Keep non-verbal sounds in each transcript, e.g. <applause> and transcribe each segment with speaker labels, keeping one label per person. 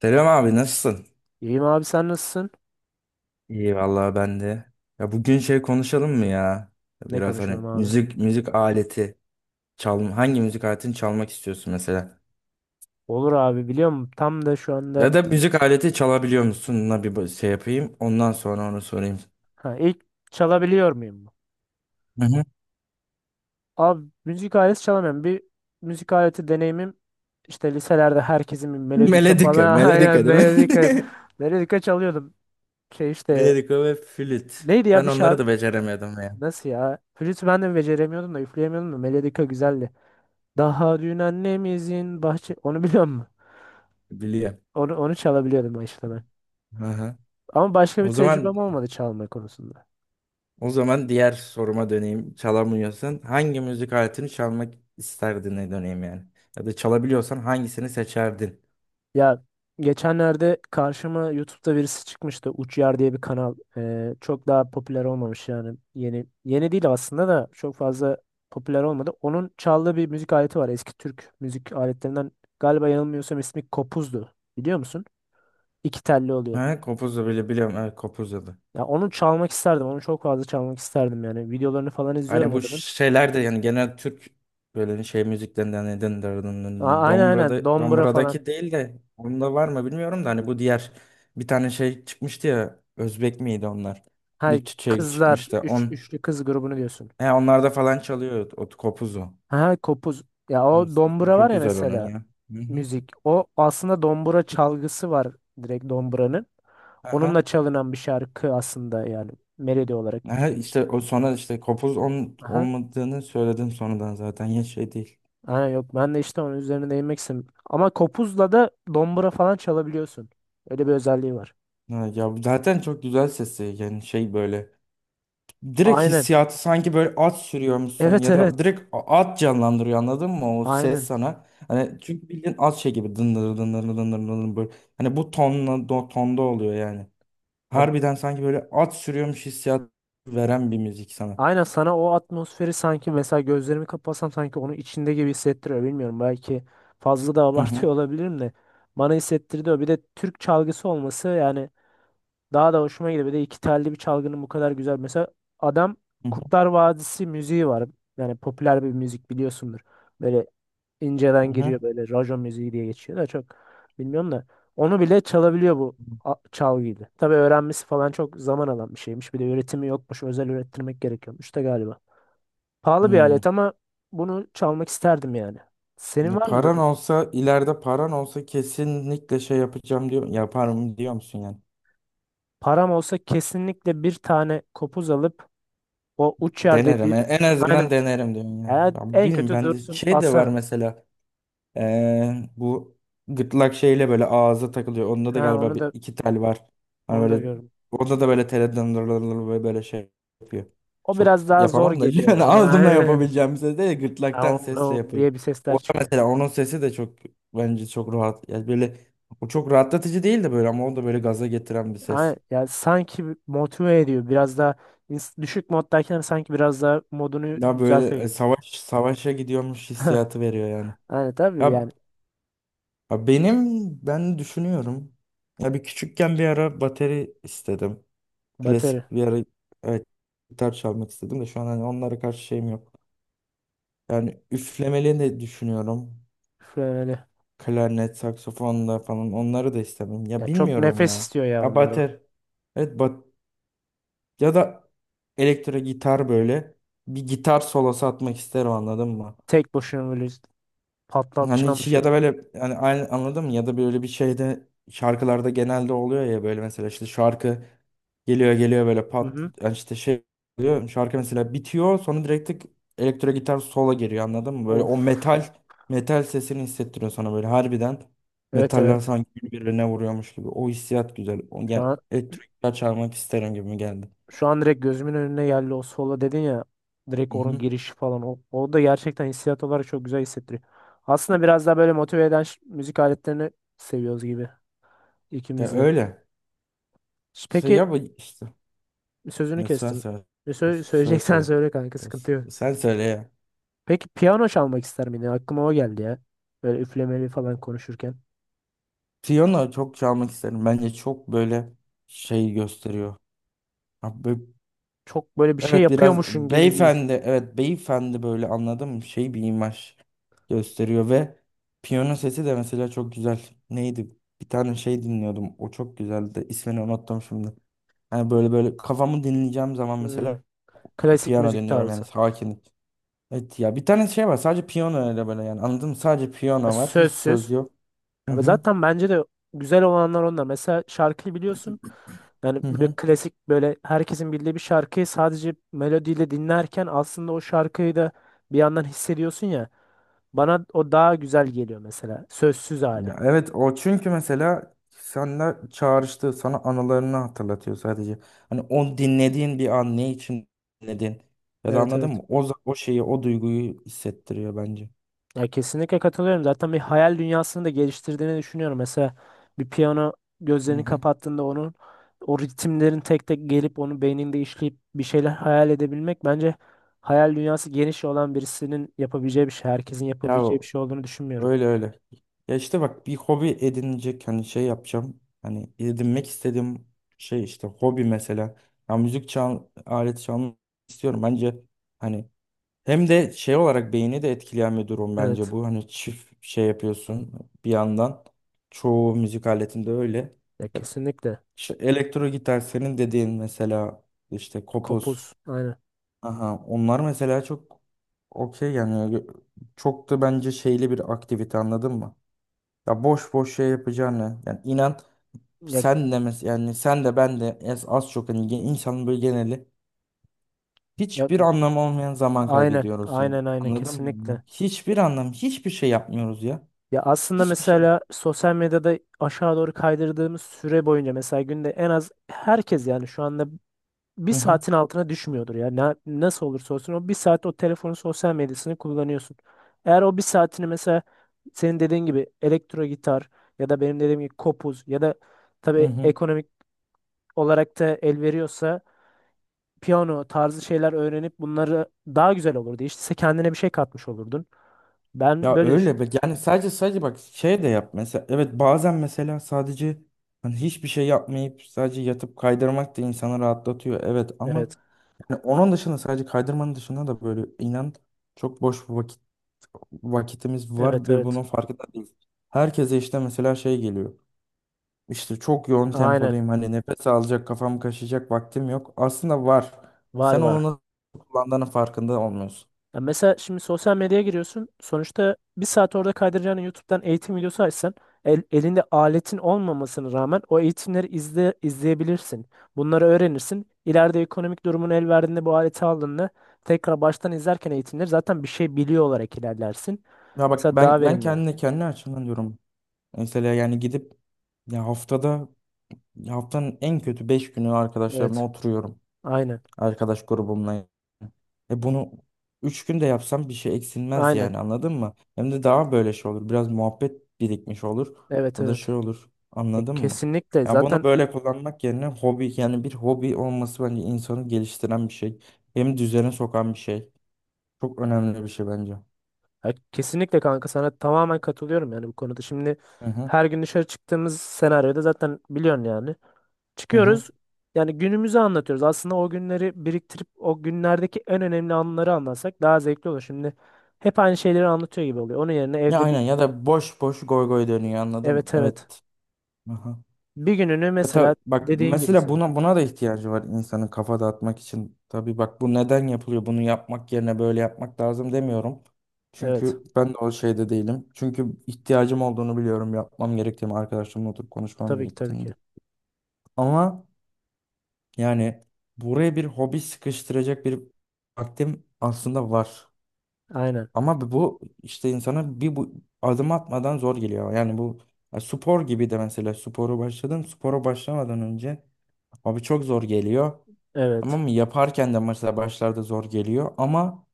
Speaker 1: Selam abi nasılsın?
Speaker 2: İyiyim abi sen nasılsın?
Speaker 1: İyi vallahi ben de. Ya bugün şey konuşalım mı ya? Ya
Speaker 2: Ne
Speaker 1: biraz
Speaker 2: konuşalım
Speaker 1: hani
Speaker 2: abi?
Speaker 1: müzik aleti hangi müzik aletini çalmak istiyorsun mesela?
Speaker 2: Olur abi biliyor musun? Tam da şu
Speaker 1: Ya
Speaker 2: anda
Speaker 1: da müzik aleti çalabiliyor musunla şey yapayım. Ondan sonra onu sorayım.
Speaker 2: ha, ilk çalabiliyor muyum?
Speaker 1: Hı hı.
Speaker 2: Abi müzik aleti çalamıyorum. Bir müzik aleti deneyimim işte liselerde herkesin bir
Speaker 1: <laughs>
Speaker 2: melodika
Speaker 1: Melodika,
Speaker 2: falan <laughs> aynen
Speaker 1: melodika değil mi?
Speaker 2: melodika
Speaker 1: <laughs>
Speaker 2: melodika çalıyordum. Şey işte
Speaker 1: Melodika ve flüt.
Speaker 2: neydi ya
Speaker 1: Ben
Speaker 2: bir
Speaker 1: onları
Speaker 2: şarkı
Speaker 1: da beceremedim ya.
Speaker 2: nasıl ya? Flütü ben de beceremiyordum da üfleyemiyordum da melodika güzeldi. Daha dün annemizin bahçe onu biliyor musun?
Speaker 1: Biliyorum.
Speaker 2: Onu çalabiliyordum işte ben.
Speaker 1: Hı hı.
Speaker 2: Ama başka bir
Speaker 1: O zaman
Speaker 2: tecrübem olmadı çalma konusunda.
Speaker 1: O zaman diğer soruma döneyim. Çalamıyorsan hangi müzik aletini çalmak isterdin döneyim yani. Ya da çalabiliyorsan hangisini seçerdin?
Speaker 2: Ya geçenlerde karşıma YouTube'da birisi çıkmıştı. Uçyar diye bir kanal. Çok daha popüler olmamış yani. Yeni yeni değil aslında da çok fazla popüler olmadı. Onun çaldığı bir müzik aleti var. Eski Türk müzik aletlerinden galiba yanılmıyorsam ismi kopuzdu. Biliyor musun? İki telli oluyor.
Speaker 1: Ha, kopuzla bile biliyorum. Evet, kopuzla da.
Speaker 2: Ya onu çalmak isterdim. Onu çok fazla çalmak isterdim yani. Videolarını falan
Speaker 1: Hani
Speaker 2: izliyorum
Speaker 1: bu
Speaker 2: adamın.
Speaker 1: şeyler de yani genel Türk böyle şey müziklerinden neden
Speaker 2: Aynen aynen.
Speaker 1: Dombra'da
Speaker 2: Dombra falan.
Speaker 1: Dombra'daki değil de onda var mı bilmiyorum da hani bu diğer bir tane şey çıkmıştı ya Özbek miydi onlar?
Speaker 2: Hay
Speaker 1: Bir şey
Speaker 2: kızlar.
Speaker 1: çıkmıştı.
Speaker 2: Üçlü kız grubunu diyorsun.
Speaker 1: He, onlarda falan çalıyor o kopuzu.
Speaker 2: Ha kopuz. Ya
Speaker 1: Hı,
Speaker 2: o
Speaker 1: sesi
Speaker 2: dombra var
Speaker 1: çok
Speaker 2: ya
Speaker 1: güzel onun
Speaker 2: mesela.
Speaker 1: ya. Hı hı.
Speaker 2: Müzik. O aslında dombura çalgısı var direkt domburanın. Onunla
Speaker 1: Aha.
Speaker 2: çalınan bir şarkı aslında yani melodi olarak.
Speaker 1: Ha, işte o sonra işte kopuz
Speaker 2: Aha.
Speaker 1: olmadığını söyledim sonradan zaten ya şey değil.
Speaker 2: Aynen yok ben de işte onun üzerine değinmek istedim. Ama kopuzla da dombura falan çalabiliyorsun. Öyle bir özelliği var.
Speaker 1: Ha, ya zaten çok güzel sesi yani şey böyle direkt
Speaker 2: Aynen.
Speaker 1: hissiyatı sanki böyle at sürüyormuşsun
Speaker 2: Evet
Speaker 1: ya da
Speaker 2: evet.
Speaker 1: direkt at canlandırıyor anladın mı o ses
Speaker 2: Aynen.
Speaker 1: sana. Hani çünkü bildiğin at şey gibi dındır dındır dındır dındır böyle hani bu tonla tonda oluyor yani.
Speaker 2: Ya,
Speaker 1: Harbiden sanki böyle at sürüyormuş hissiyat veren bir müzik sana.
Speaker 2: aynen sana o atmosferi sanki mesela gözlerimi kapatsam sanki onun içinde gibi hissettiriyor. Bilmiyorum belki fazla da <laughs>
Speaker 1: Hı hı
Speaker 2: abartıyor olabilirim de. Bana hissettirdi o. Bir de Türk çalgısı olması yani daha da hoşuma gidiyor. Bir de iki telli bir çalgının bu kadar güzel. Mesela adam
Speaker 1: hı hı.
Speaker 2: Kurtlar Vadisi müziği var. Yani popüler bir müzik biliyorsundur. Böyle inceden
Speaker 1: Hı
Speaker 2: giriyor
Speaker 1: hı.
Speaker 2: böyle rajon müziği diye geçiyor da çok bilmiyorum da. Onu bile çalabiliyor bu çalgıyla. Tabii öğrenmesi falan çok zaman alan bir şeymiş. Bir de üretimi yokmuş. Özel ürettirmek gerekiyormuş da galiba. Pahalı bir
Speaker 1: Hmm.
Speaker 2: alet ama bunu çalmak isterdim yani. Senin
Speaker 1: Ya
Speaker 2: var mı
Speaker 1: paran
Speaker 2: böyle?
Speaker 1: olsa ileride paran olsa kesinlikle şey yapacağım diyor yaparım diyor musun yani?
Speaker 2: Param olsa kesinlikle bir tane kopuz alıp o uç yer
Speaker 1: Denerim
Speaker 2: dediğim
Speaker 1: en azından
Speaker 2: aynen.
Speaker 1: denerim diyorsun yani.
Speaker 2: Yani
Speaker 1: Ya
Speaker 2: en
Speaker 1: bilmiyorum
Speaker 2: kötü
Speaker 1: bende
Speaker 2: dursun
Speaker 1: şey de var
Speaker 2: asarım.
Speaker 1: mesela. Bu gırtlak şeyle böyle ağza takılıyor. Onda da
Speaker 2: Ha
Speaker 1: galiba
Speaker 2: onu
Speaker 1: bir
Speaker 2: da
Speaker 1: iki tel var. Hani
Speaker 2: onu da
Speaker 1: böyle
Speaker 2: gördüm.
Speaker 1: onda da böyle teleden böyle şey yapıyor.
Speaker 2: O
Speaker 1: Çok
Speaker 2: biraz daha zor
Speaker 1: yapamam da <laughs>
Speaker 2: geliyor
Speaker 1: yani
Speaker 2: bana. <laughs>
Speaker 1: ağzımla
Speaker 2: Aynen.
Speaker 1: yapabileceğim bir ses değil de gırtlaktan
Speaker 2: Av,
Speaker 1: sesle
Speaker 2: av
Speaker 1: yapıyor.
Speaker 2: diye bir sesler
Speaker 1: O da
Speaker 2: çıkıyor.
Speaker 1: mesela onun sesi de çok bence çok rahat. Yani böyle o çok rahatlatıcı değil de böyle ama o da böyle gaza getiren bir
Speaker 2: Aynen.
Speaker 1: ses.
Speaker 2: Yani sanki motive ediyor. Biraz daha düşük moddayken sanki biraz daha modunu
Speaker 1: Ya
Speaker 2: düzeltiyor
Speaker 1: böyle
Speaker 2: gibi.
Speaker 1: savaşa gidiyormuş hissiyatı veriyor yani.
Speaker 2: Aynen tabii
Speaker 1: Ya
Speaker 2: yani
Speaker 1: ha ben düşünüyorum. Ya bir küçükken bir ara bateri istedim. Klasik
Speaker 2: batarya.
Speaker 1: bir ara, evet, gitar çalmak istedim de şu an hani onlara karşı şeyim yok. Yani üflemeli de düşünüyorum.
Speaker 2: Şöyle öyle.
Speaker 1: Klarnet, saksafon da falan onları da istemem. Ya
Speaker 2: Ya çok
Speaker 1: bilmiyorum
Speaker 2: nefes
Speaker 1: ya.
Speaker 2: istiyor ya
Speaker 1: Ha
Speaker 2: onları.
Speaker 1: bater. Evet bat ya da elektro gitar böyle bir gitar solosu atmak isterim anladın mı?
Speaker 2: Tek başına böyle
Speaker 1: Hani
Speaker 2: patlatacağım bir şey.
Speaker 1: ya da böyle hani aynı anladın mı? Ya da böyle bir şeyde şarkılarda genelde oluyor ya böyle mesela işte şarkı geliyor geliyor böyle
Speaker 2: Hı
Speaker 1: pat
Speaker 2: hı.
Speaker 1: yani işte şey oluyor. Şarkı mesela bitiyor sonra direkt tık elektro gitar sola giriyor anladın mı? Böyle
Speaker 2: Of.
Speaker 1: o metal sesini hissettiriyor sana böyle harbiden
Speaker 2: Evet
Speaker 1: metaller
Speaker 2: evet.
Speaker 1: sanki birbirine vuruyormuş gibi. O hissiyat güzel. O
Speaker 2: Şu
Speaker 1: gel
Speaker 2: an
Speaker 1: elektro gitar çalmak isterim gibi geldi.
Speaker 2: Şu an direkt gözümün önüne geldi o solo dedin ya. Direkt
Speaker 1: Hı
Speaker 2: onun
Speaker 1: hı.
Speaker 2: girişi falan. O, o da gerçekten hissiyat olarak çok güzel hissettiriyor. Aslında biraz daha böyle motive eden müzik aletlerini seviyoruz gibi
Speaker 1: Ya
Speaker 2: ikimiz de.
Speaker 1: öyle. Şey
Speaker 2: Peki
Speaker 1: ya bu işte.
Speaker 2: sözünü
Speaker 1: Yani sen
Speaker 2: kestim.
Speaker 1: söyle.
Speaker 2: <laughs>
Speaker 1: Söyle
Speaker 2: Söyleyeceksen
Speaker 1: söyle.
Speaker 2: söyle kanka sıkıntı yok.
Speaker 1: Sen söyle ya.
Speaker 2: Peki piyano çalmak ister miydin? Aklıma o geldi ya. Böyle üflemeli falan konuşurken.
Speaker 1: Piyano çok çalmak isterim. Bence çok böyle şey gösteriyor. Ha,
Speaker 2: Çok böyle bir şey
Speaker 1: evet biraz
Speaker 2: yapıyormuşsun gibi bir his.
Speaker 1: beyefendi, evet beyefendi böyle anladım şey bir imaj gösteriyor ve piyano sesi de mesela çok güzel. Neydi? Bir tane şey dinliyordum. O çok güzeldi. İsmini unuttum şimdi. Hani böyle kafamı dinleyeceğim zaman
Speaker 2: Hmm,
Speaker 1: mesela
Speaker 2: Klasik
Speaker 1: piyano
Speaker 2: müzik
Speaker 1: dinliyorum yani
Speaker 2: tarzı.
Speaker 1: sakin. Evet ya bir tane şey var sadece piyano öyle böyle yani anladın mı? Sadece
Speaker 2: Ha,
Speaker 1: piyano var. Hiç
Speaker 2: sözsüz.
Speaker 1: söz yok. Hı
Speaker 2: Ama
Speaker 1: hı.
Speaker 2: zaten bence de güzel olanlar onlar. Mesela şarkıyı biliyorsun. Yani
Speaker 1: Hı
Speaker 2: böyle
Speaker 1: hı.
Speaker 2: klasik böyle herkesin bildiği bir şarkıyı sadece melodiyle dinlerken aslında o şarkıyı da bir yandan hissediyorsun ya. Bana o daha güzel geliyor mesela. Sözsüz hali.
Speaker 1: Ya evet o çünkü mesela senle çağrıştı sana anılarını hatırlatıyor sadece. Hani dinlediğin bir an ne için dinledin ya da
Speaker 2: Evet
Speaker 1: anladın
Speaker 2: evet.
Speaker 1: mı? O şeyi o duyguyu hissettiriyor bence.
Speaker 2: Ya kesinlikle katılıyorum. Zaten bir hayal dünyasını da geliştirdiğini düşünüyorum. Mesela bir piyano
Speaker 1: Hı
Speaker 2: gözlerini
Speaker 1: hı.
Speaker 2: kapattığında onun o ritimlerin tek tek gelip onu beyninde işleyip bir şeyler hayal edebilmek bence hayal dünyası geniş olan birisinin yapabileceği bir şey. Herkesin
Speaker 1: Ya
Speaker 2: yapabileceği bir şey olduğunu düşünmüyorum.
Speaker 1: öyle öyle. Ya işte bak bir hobi edinecek hani şey yapacağım. Hani edinmek istediğim şey işte hobi mesela. Ya müzik aleti çalmak istiyorum. Bence hani hem de şey olarak beyni de etkileyen bir durum bence
Speaker 2: Evet.
Speaker 1: bu. Hani çift şey yapıyorsun bir yandan. Çoğu müzik aletinde öyle.
Speaker 2: Ya
Speaker 1: E,
Speaker 2: kesinlikle.
Speaker 1: İşte elektro gitar senin dediğin mesela işte kopuz.
Speaker 2: Kopuz. Aynen.
Speaker 1: Aha, onlar mesela çok okey yani çok da bence şeyli bir aktivite anladın mı? Ya boş boş şey yapacağını yani inan
Speaker 2: Ya,
Speaker 1: sen de ben de az çok hani insanın böyle geneli
Speaker 2: ya,
Speaker 1: hiçbir anlamı olmayan zaman
Speaker 2: aynen.
Speaker 1: kaybediyoruz yani.
Speaker 2: Aynen aynen
Speaker 1: Anladın mı? Yani
Speaker 2: kesinlikle.
Speaker 1: hiçbir anlam, hiçbir şey yapmıyoruz ya.
Speaker 2: Ya aslında
Speaker 1: Hiçbir şey.
Speaker 2: mesela sosyal medyada aşağı doğru kaydırdığımız süre boyunca mesela günde en az herkes yani şu anda bir
Speaker 1: Hı hı.
Speaker 2: saatin altına düşmüyordur ya. Nasıl olursa olsun o bir saat o telefonun sosyal medyasını kullanıyorsun. Eğer o bir saatini mesela senin dediğin gibi elektro gitar ya da benim dediğim gibi kopuz ya da
Speaker 1: Hı
Speaker 2: tabii
Speaker 1: hı.
Speaker 2: ekonomik olarak da el veriyorsa piyano tarzı şeyler öğrenip bunları daha güzel olurdu. İşte sen kendine bir şey katmış olurdun. Ben
Speaker 1: Ya
Speaker 2: böyle
Speaker 1: öyle
Speaker 2: düşünüyorum.
Speaker 1: be. Yani sadece bak şey de yap mesela. Evet bazen mesela sadece hani hiçbir şey yapmayıp sadece yatıp kaydırmak da insanı rahatlatıyor. Evet ama
Speaker 2: Evet.
Speaker 1: yani onun dışında sadece kaydırmanın dışında da böyle inan çok boş vakitimiz var
Speaker 2: Evet
Speaker 1: ve bunun
Speaker 2: evet.
Speaker 1: farkında değiliz. Herkese işte mesela şey geliyor. İşte çok yoğun
Speaker 2: Aynen.
Speaker 1: tempodayım. Hani nefes alacak, kafam kaşıyacak vaktim yok. Aslında var.
Speaker 2: Var
Speaker 1: Sen onu
Speaker 2: var.
Speaker 1: nasıl kullandığının farkında olmuyorsun.
Speaker 2: Ya mesela şimdi sosyal medyaya giriyorsun. Sonuçta bir saat orada kaydıracağını YouTube'dan eğitim videosu açsan elinde aletin olmamasına rağmen o eğitimleri izleyebilirsin. Bunları öğrenirsin. İleride ekonomik durumun el verdiğinde bu aleti aldığında tekrar baştan izlerken eğitimleri zaten bir şey biliyor olarak ilerlersin.
Speaker 1: Ya bak
Speaker 2: Mesela daha
Speaker 1: ben
Speaker 2: verimli olur.
Speaker 1: kendi açımdan diyorum. Mesela yani gidip ya haftada ya haftanın en kötü 5 günü arkadaşlarımla
Speaker 2: Evet.
Speaker 1: oturuyorum.
Speaker 2: Aynen.
Speaker 1: Arkadaş grubumla. E bunu 3 günde yapsam bir şey eksilmez
Speaker 2: Aynen.
Speaker 1: yani anladın mı? Hem de daha böyle şey olur. Biraz muhabbet birikmiş olur.
Speaker 2: Evet
Speaker 1: Ya da
Speaker 2: evet.
Speaker 1: şey olur. Anladın mı?
Speaker 2: Kesinlikle
Speaker 1: Ya bunu
Speaker 2: zaten
Speaker 1: böyle kullanmak yerine hobi yani bir hobi olması bence insanı geliştiren bir şey. Hem düzene sokan bir şey. Çok önemli bir şey bence.
Speaker 2: kesinlikle kanka sana tamamen katılıyorum yani bu konuda. Şimdi
Speaker 1: Hı hı.
Speaker 2: her gün dışarı çıktığımız senaryoda zaten biliyorsun yani.
Speaker 1: Hı hı.
Speaker 2: Çıkıyoruz yani günümüzü anlatıyoruz. Aslında o günleri biriktirip o günlerdeki en önemli anları anlatsak daha zevkli olur. Şimdi hep aynı şeyleri anlatıyor gibi oluyor. Onun yerine
Speaker 1: Ya
Speaker 2: evde
Speaker 1: aynen
Speaker 2: bir
Speaker 1: ya da boş boş goy goy dönüyor anladım.
Speaker 2: evet evet.
Speaker 1: Evet. Aha.
Speaker 2: Bir gününü
Speaker 1: Ya
Speaker 2: mesela
Speaker 1: bak
Speaker 2: dediğin gibi
Speaker 1: mesela
Speaker 2: senin.
Speaker 1: buna da ihtiyacı var insanın kafa dağıtmak için. Tabii bak bu neden yapılıyor? Bunu yapmak yerine böyle yapmak lazım demiyorum.
Speaker 2: Evet.
Speaker 1: Çünkü ben de o şeyde değilim. Çünkü ihtiyacım olduğunu biliyorum. Yapmam gerektiğini, arkadaşlarımla oturup konuşmam
Speaker 2: Tabii ki tabii
Speaker 1: gerektiğini.
Speaker 2: ki.
Speaker 1: Ama yani buraya bir hobi sıkıştıracak bir vaktim aslında var.
Speaker 2: Aynen.
Speaker 1: Ama bu işte insana bu adım atmadan zor geliyor. Yani bu ya spor gibi de mesela sporu başladım. Spora başlamadan önce abi çok zor geliyor.
Speaker 2: Evet.
Speaker 1: Tamam mı? Yaparken de mesela başlarda zor geliyor ama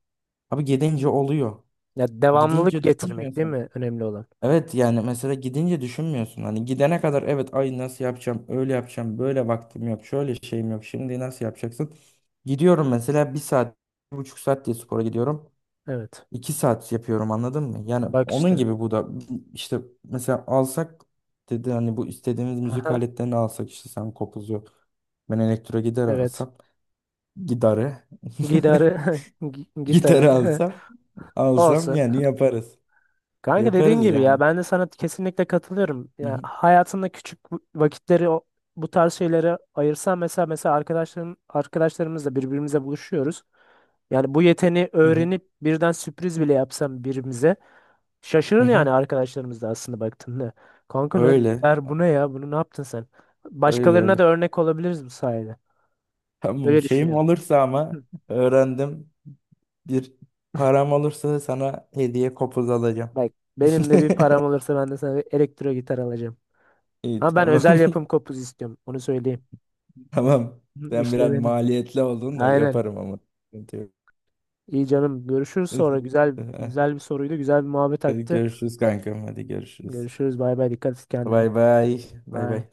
Speaker 1: abi gidince oluyor.
Speaker 2: Ya devamlılık
Speaker 1: Gidince
Speaker 2: getirmek değil
Speaker 1: düşünmüyorsun.
Speaker 2: mi önemli olan?
Speaker 1: Evet yani mesela gidince düşünmüyorsun. Hani gidene kadar evet ay nasıl yapacağım, öyle yapacağım, böyle vaktim yok, şöyle şeyim yok. Şimdi nasıl yapacaksın? Gidiyorum mesela bir saat, 1,5 saat diye spora gidiyorum.
Speaker 2: Evet.
Speaker 1: 2 saat yapıyorum anladın mı? Yani
Speaker 2: Bak
Speaker 1: onun
Speaker 2: işte.
Speaker 1: gibi bu da işte mesela alsak dedi hani bu istediğimiz müzik
Speaker 2: <laughs>
Speaker 1: aletlerini alsak işte sen kopuzu ben elektro gider
Speaker 2: Evet.
Speaker 1: alsam gitarı.
Speaker 2: Gitarı, <laughs>
Speaker 1: <laughs> Gitarı
Speaker 2: gitarı <laughs>
Speaker 1: alsam
Speaker 2: olsun.
Speaker 1: yani yaparız.
Speaker 2: Kanka dediğin
Speaker 1: Yaparız
Speaker 2: gibi ya
Speaker 1: yani.
Speaker 2: ben de sana kesinlikle katılıyorum.
Speaker 1: Hı
Speaker 2: Ya
Speaker 1: hı,
Speaker 2: hayatında küçük vakitleri bu tarz şeylere ayırsan mesela arkadaşlarımızla birbirimize buluşuyoruz. Yani bu yeteneği
Speaker 1: hı hı,
Speaker 2: öğrenip birden sürpriz bile yapsam birbirimize
Speaker 1: hı
Speaker 2: şaşırır
Speaker 1: hı.
Speaker 2: yani arkadaşlarımız da aslında baktığında. Kanka ne
Speaker 1: Öyle,
Speaker 2: der bu ne ya? Bunu ne yaptın sen?
Speaker 1: öyle
Speaker 2: Başkalarına da
Speaker 1: öyle.
Speaker 2: örnek olabiliriz bu sayede.
Speaker 1: Tamam
Speaker 2: Öyle
Speaker 1: şeyim
Speaker 2: düşünüyorum.
Speaker 1: olursa ama
Speaker 2: Hı.
Speaker 1: öğrendim. Bir param olursa sana hediye kopuz alacağım.
Speaker 2: Bak benim
Speaker 1: <laughs>
Speaker 2: de bir param olursa ben de sana bir elektro gitar alacağım.
Speaker 1: İyi
Speaker 2: Ama ben
Speaker 1: tamam.
Speaker 2: özel yapım
Speaker 1: <laughs>
Speaker 2: kopuz istiyorum. Onu söyleyeyim.
Speaker 1: Tamam.
Speaker 2: Hı,
Speaker 1: Sen biraz
Speaker 2: İşlemeli.
Speaker 1: maliyetli oldun da
Speaker 2: Aynen.
Speaker 1: yaparım ama. Sıkıntı yok.
Speaker 2: İyi canım. Görüşürüz sonra. Güzel
Speaker 1: <laughs>
Speaker 2: güzel bir soruydu. Güzel bir muhabbet
Speaker 1: Hadi
Speaker 2: aktı.
Speaker 1: görüşürüz kankam. Hadi görüşürüz.
Speaker 2: Görüşürüz. Bay bay. Dikkat et kendine.
Speaker 1: Bay bay. Bay
Speaker 2: Bay.
Speaker 1: bay.